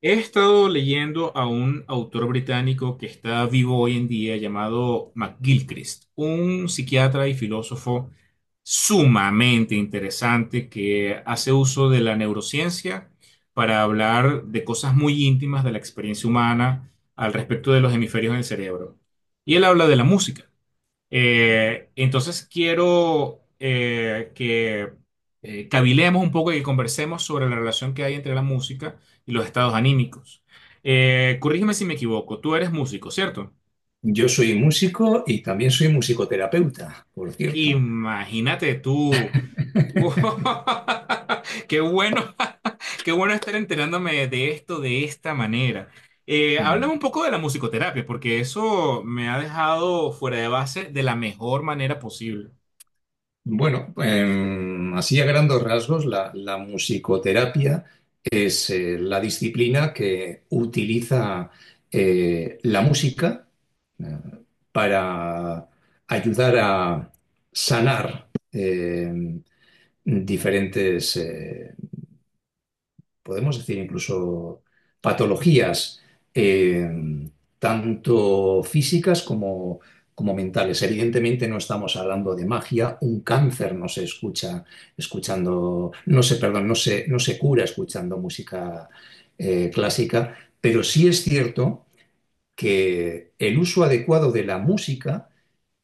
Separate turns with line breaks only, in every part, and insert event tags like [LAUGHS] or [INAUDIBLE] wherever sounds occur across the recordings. He estado leyendo a un autor británico que está vivo hoy en día llamado McGilchrist, un psiquiatra y filósofo sumamente interesante que hace uso de la neurociencia para hablar de cosas muy íntimas de la experiencia humana al respecto de los hemisferios del cerebro. Y él habla de la música. Entonces quiero que cavilemos un poco y que conversemos sobre la relación que hay entre la música y los estados anímicos. Corrígeme si me equivoco, tú eres músico, ¿cierto?
Yo soy músico y también soy musicoterapeuta, por cierto.
Imagínate tú. [LAUGHS]
[LAUGHS]
Qué bueno, [LAUGHS] qué bueno estar enterándome de esto de esta manera. Háblame un poco de la musicoterapia, porque eso me ha dejado fuera de base de la mejor manera posible.
Bueno, así a grandes rasgos, la musicoterapia es la disciplina que utiliza la música eh, para ayudar a sanar diferentes podemos decir incluso patologías, eh, tanto físicas como mentales. Evidentemente no estamos hablando de magia, un cáncer no se escucha escuchando, perdón, no se cura escuchando música clásica, pero sí es cierto que el uso adecuado de la música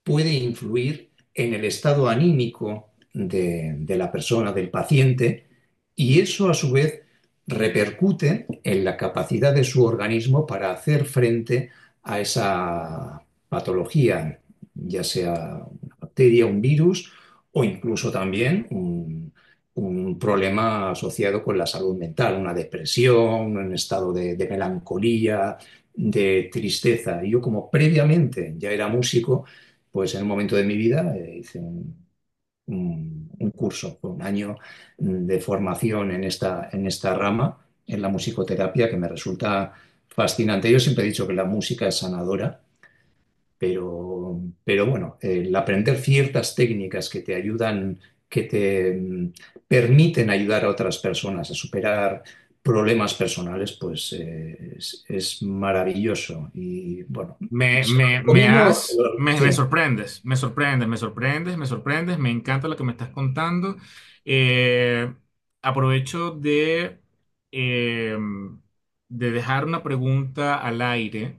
puede influir en el estado anímico de la persona, del paciente, y eso a su vez repercute en la capacidad de su organismo para hacer frente a esa patología, ya sea una bacteria, un virus o incluso también un problema asociado con la salud mental, una depresión, un estado de melancolía, de tristeza. Yo como previamente ya era músico, pues en un momento de mi vida hice un curso, un año de formación en esta rama, en la musicoterapia, que me resulta fascinante. Yo siempre he dicho que la música es sanadora, pero bueno, el aprender ciertas técnicas que te ayudan, que te permiten ayudar a otras personas a superar problemas personales, pues es maravilloso. Y bueno,
Me,
se lo
me, me
recomiendo.
has, me
Sí.
sorprendes, me sorprendes, me sorprendes, me sorprendes, me encanta lo que me estás contando. Eh, Aprovecho eh, de dejar una pregunta al aire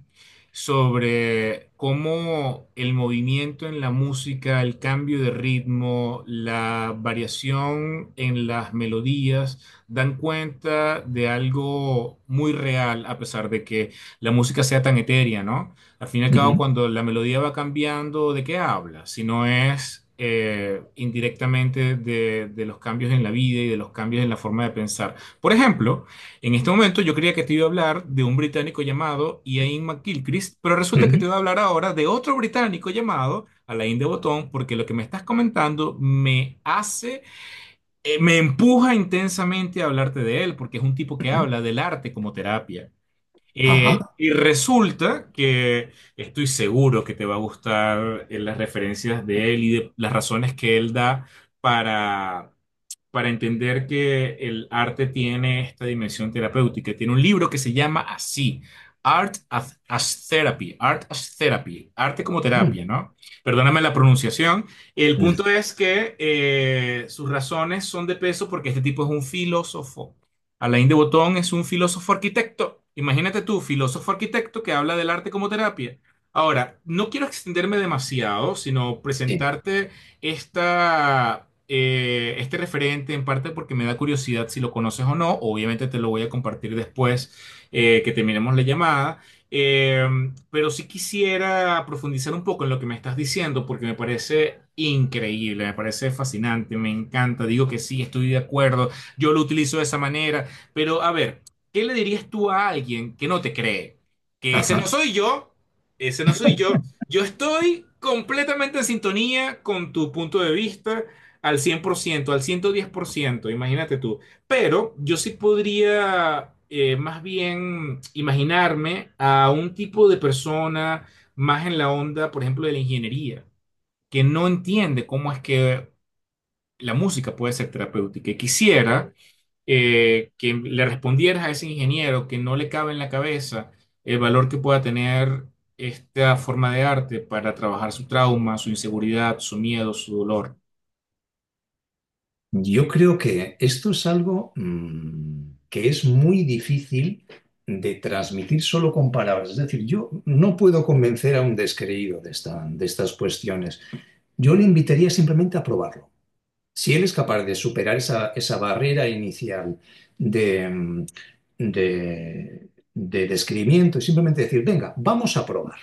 sobre cómo el movimiento en la música, el cambio de ritmo, la variación en las melodías, dan cuenta de algo muy real, a pesar de que la música sea tan etérea, ¿no? Al fin y al cabo,
Ujú,
cuando la melodía va cambiando, ¿de qué habla? Si no es indirectamente de los cambios en la vida y de los cambios en la forma de pensar. Por ejemplo, en este momento yo creía que te iba a hablar de un británico llamado Ian McGilchrist, pero resulta que te voy
ujú.
a hablar ahora de otro británico llamado Alain de Botton, porque lo que me estás comentando me empuja intensamente a hablarte de él, porque es un tipo que
Ujú.
habla del arte como terapia.
Ajá.
Y resulta que estoy seguro que te va a gustar las referencias de él y de las razones que él da para, para entender que el arte tiene esta dimensión terapéutica. Tiene un libro que se llama así, Art as Therapy, Art as Therapy, arte como
Mm,
terapia, ¿no? Perdóname la pronunciación. El
mm,
punto es que sus razones son de peso porque este tipo es un filósofo. Alain de Botton es un filósofo arquitecto. Imagínate tú, filósofo arquitecto que habla del arte como terapia. Ahora, no quiero extenderme demasiado, sino
sí.
presentarte este referente, en parte porque me da curiosidad si lo conoces o no. Obviamente te lo voy a compartir después que terminemos la llamada. Eh, pero sí quisiera profundizar un poco en lo que me estás diciendo porque me parece increíble, me parece fascinante, me encanta. Digo que sí, estoy de acuerdo. Yo lo utilizo de esa manera. Pero a ver, ¿qué le dirías tú a alguien que no te cree? Que ese no
Ajá.
soy yo. Ese no soy yo. Yo estoy completamente en sintonía con tu punto de vista al 100%, al 110%. Imagínate tú. Pero yo sí podría más bien imaginarme a un tipo de persona más en la onda, por ejemplo, de la ingeniería, que no entiende cómo es que la música puede ser terapéutica y quisiera que le respondieras a ese ingeniero que no le cabe en la cabeza el valor que pueda tener esta forma de arte para trabajar su trauma, su inseguridad, su miedo, su dolor.
Yo creo que esto es algo que es muy difícil de transmitir solo con palabras. Es decir, yo no puedo convencer a un descreído de de estas cuestiones. Yo le invitaría simplemente a probarlo. Si él es capaz de superar esa barrera inicial de, mm, de descrimiento y simplemente decir, venga, vamos a probar,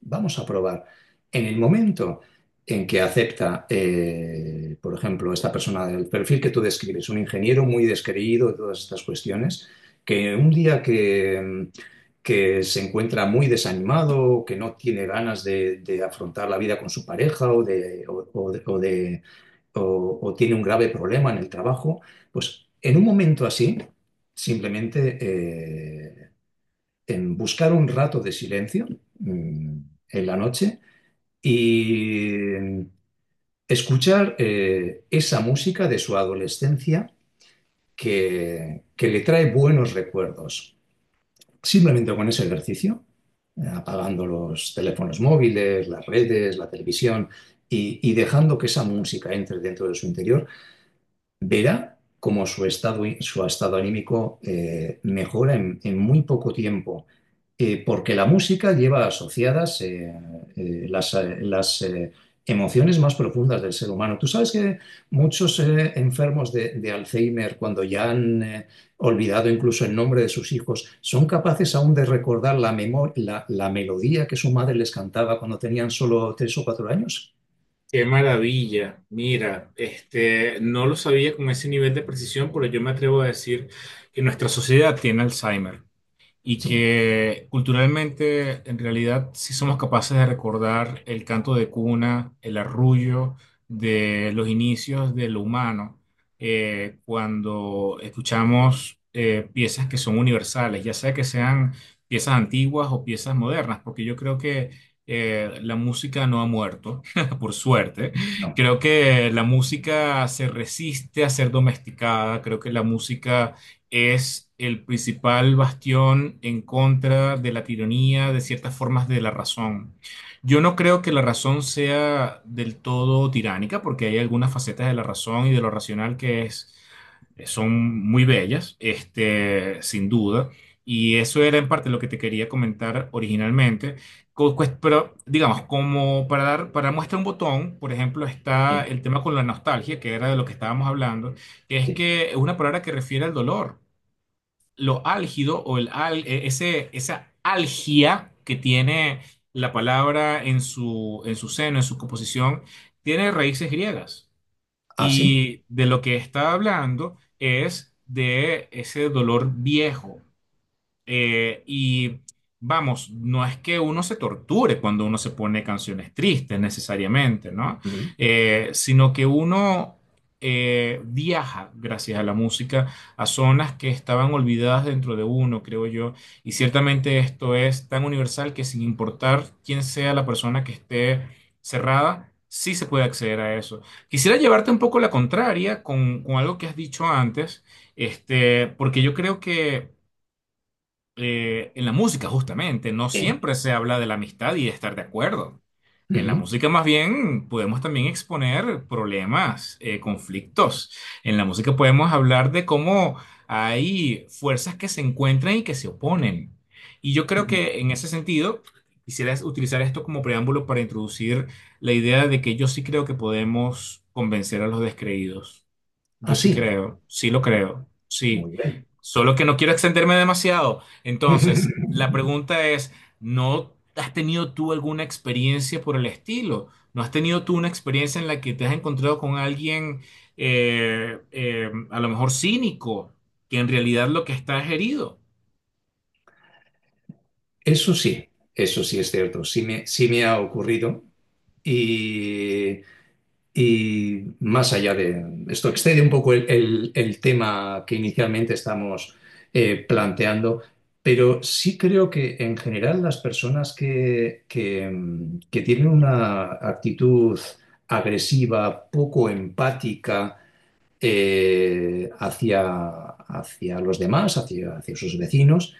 vamos a probar. En el momento en que acepta, por ejemplo, esta persona del perfil que tú describes, un ingeniero muy descreído de todas estas cuestiones, que un día que se encuentra muy desanimado, que no tiene ganas de afrontar la vida con su pareja o tiene un grave problema en el trabajo, pues en un momento así, simplemente en buscar un rato de silencio mm, en la noche y escuchar esa música de su adolescencia que le trae buenos recuerdos. Simplemente con ese ejercicio, apagando los teléfonos móviles, las redes, la televisión y dejando que esa música entre dentro de su interior verá cómo su estado anímico mejora en muy poco tiempo. Porque la música lleva asociadas las emociones más profundas del ser humano. Tú sabes que muchos enfermos de Alzheimer, cuando ya han olvidado incluso el nombre de sus hijos, son capaces aún de recordar la melodía que su madre les cantaba cuando tenían solo 3 o 4 años.
Qué maravilla. Mira, este, no lo sabía con ese nivel de precisión, pero yo me atrevo a decir que nuestra sociedad tiene Alzheimer. Y
Sí,
que culturalmente en realidad sí somos capaces de recordar el canto de cuna, el arrullo de los inicios de lo humano, cuando escuchamos piezas que son universales, ya sea que sean piezas antiguas o piezas modernas, porque yo creo que la música no ha muerto, [LAUGHS] por suerte.
no.
Creo que la música se resiste a ser domesticada, creo que la música es el principal bastión en contra de la tiranía, de ciertas formas de la razón. Yo no creo que la razón sea del todo tiránica, porque hay algunas facetas de la razón y de lo racional son muy bellas, este, sin duda. Y eso era en parte lo que te quería comentar originalmente. Pero, digamos, como para dar, para muestra un botón, por ejemplo,
Sí,
está el tema con la nostalgia, que era de lo que estábamos hablando,
sí.
que es una palabra que refiere al dolor lo álgido o esa algia que tiene la palabra en su seno, en su composición, tiene raíces griegas.
Ah, sí.
Y de lo que está hablando es de ese dolor viejo. Y vamos, no es que uno se torture cuando uno se pone canciones tristes necesariamente, ¿no?
Mm.
Sino que uno viaja gracias a la música a zonas que estaban olvidadas dentro de uno, creo yo. Y ciertamente esto es tan universal que sin importar quién sea la persona que esté cerrada, sí se puede acceder a eso. Quisiera llevarte un poco la contraria con algo que has dicho antes, este, porque yo creo que en la música justamente no
Sí.
siempre se habla de la amistad y de estar de acuerdo. En la
Ujú,
música más bien podemos también exponer problemas, conflictos. En la música podemos hablar de cómo hay fuerzas que se encuentran y que se oponen. Y yo creo
ujú.
que en ese sentido quisiera utilizar esto como preámbulo para introducir la idea de que yo sí creo que podemos convencer a los descreídos.
Ah,
Yo sí
sí,
creo, sí lo creo, sí.
muy bien.
Solo que no quiero extenderme demasiado. Entonces, la
[LAUGHS]
pregunta es, ¿no has tenido tú alguna experiencia por el estilo? ¿No has tenido tú una experiencia en la que te has encontrado con alguien a lo mejor cínico, que en realidad lo que está es herido?
Eso sí, eso sí es cierto, sí me ha ocurrido y, y más allá de esto, excede un poco el tema que inicialmente estamos planteando, pero sí creo que en general las personas que tienen una actitud agresiva, poco empática, eh, hacia, hacia los demás, hacia sus vecinos,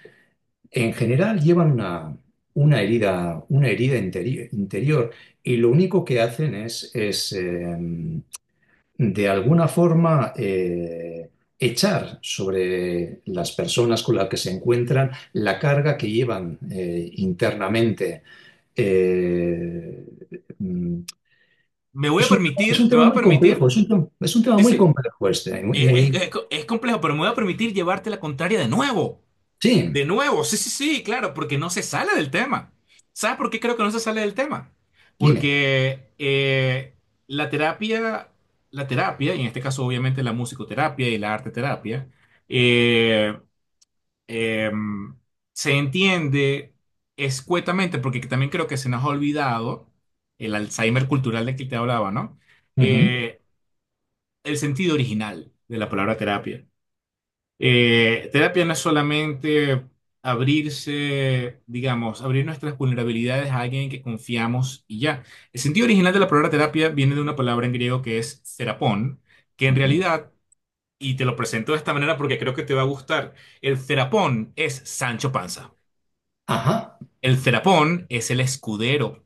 en general llevan una herida interior y lo único que hacen es de alguna forma, echar sobre las personas con las que se encuentran la carga que llevan internamente. Eh, mm,
Me voy a
es un, es
permitir,
un
me
tema
voy a
muy complejo,
permitir,
es un tema
sí,
muy
sí,
complejo este y muy, y muy-
es complejo, pero me voy a permitir llevarte la contraria de nuevo.
Sí.
De nuevo, sí, sí, sí, claro, porque no se sale del tema. ¿Sabes por qué creo que no se sale del tema?
Dime.
Porque la terapia, la terapia, y en este caso obviamente la musicoterapia y la arte terapia, eh, em, se entiende escuetamente, porque también creo que se nos ha olvidado el Alzheimer cultural de que te hablaba, ¿no?
Ujú,
Eh, el sentido original de la palabra terapia. Terapia no es solamente abrirse, digamos, abrir nuestras vulnerabilidades a alguien en que confiamos y ya. El sentido original de la palabra terapia viene de una palabra en griego que es terapón, que en
ujú.
realidad, y te lo presento de esta manera porque creo que te va a gustar, el terapón es Sancho Panza.
Ajá.
El terapón es el escudero.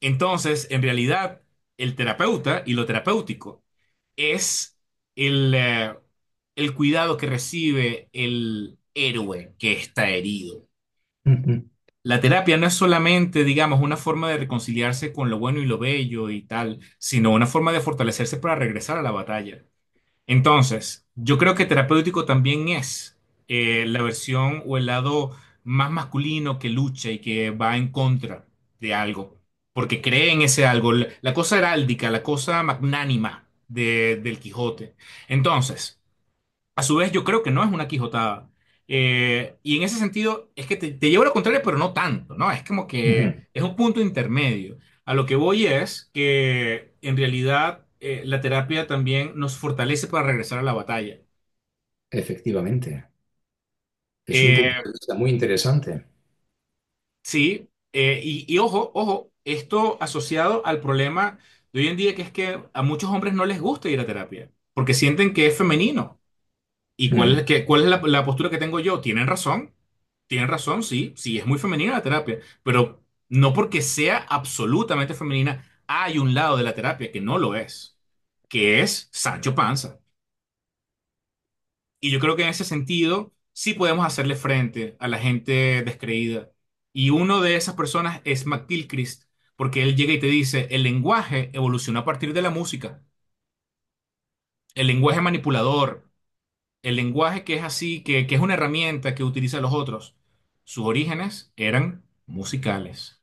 Entonces, en realidad, el terapeuta y lo terapéutico es el, eh, el cuidado que recibe el héroe que está herido.
Ujú,
La terapia no es solamente, digamos, una forma de reconciliarse con lo bueno y lo bello y tal, sino una forma de fortalecerse para regresar a la batalla. Entonces, yo creo que terapéutico también es la versión o el lado más masculino que lucha y que va en contra de algo, porque cree en ese algo, la cosa heráldica, la cosa magnánima del Quijote. Entonces, a su vez, yo creo que no es una quijotada. Y en ese sentido, es que te llevo a lo contrario, pero no tanto, ¿no? Es como
ujú.
que es un punto intermedio. A lo que voy es que en realidad la terapia también nos fortalece para regresar a la batalla.
Efectivamente. Es un punto
Eh,
de vista muy interesante.
sí, y ojo, ojo, esto asociado al problema de hoy en día, que es que a muchos hombres no les gusta ir a terapia, porque sienten que es femenino. ¿Y
Ujú.
cuál es la postura que tengo yo? Tienen razón, sí, sí, es muy femenina la terapia, pero no porque sea absolutamente femenina, hay un lado de la terapia que no lo es, que es Sancho Panza. Y yo creo que en ese sentido sí podemos hacerle frente a la gente descreída. Y uno de esas personas es McGilchrist, porque él llega y te dice, el lenguaje evolucionó a partir de la música, el lenguaje manipulador. El lenguaje que es así, que es una herramienta que utilizan los otros, sus orígenes eran musicales.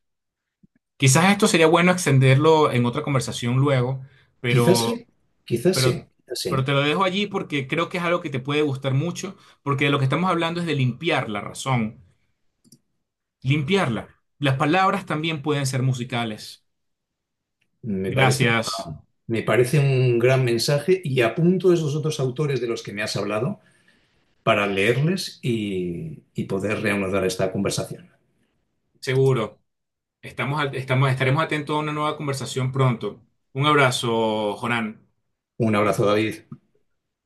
Quizás esto sería bueno extenderlo en otra conversación luego,
Quizás
pero,
sí, quizás
pero,
sí, quizás sí.
te lo dejo allí porque creo que es algo que te puede gustar mucho, porque de lo que estamos hablando es de limpiar la razón, limpiarla. Las palabras también pueden ser musicales.
Me parece
Gracias,
una- me parece un gran mensaje y apunto esos otros autores de los que me has hablado para leerles y poder reanudar esta conversación.
seguro. Estaremos atentos a una nueva conversación pronto. Un abrazo, Jonan.
Un abrazo, David.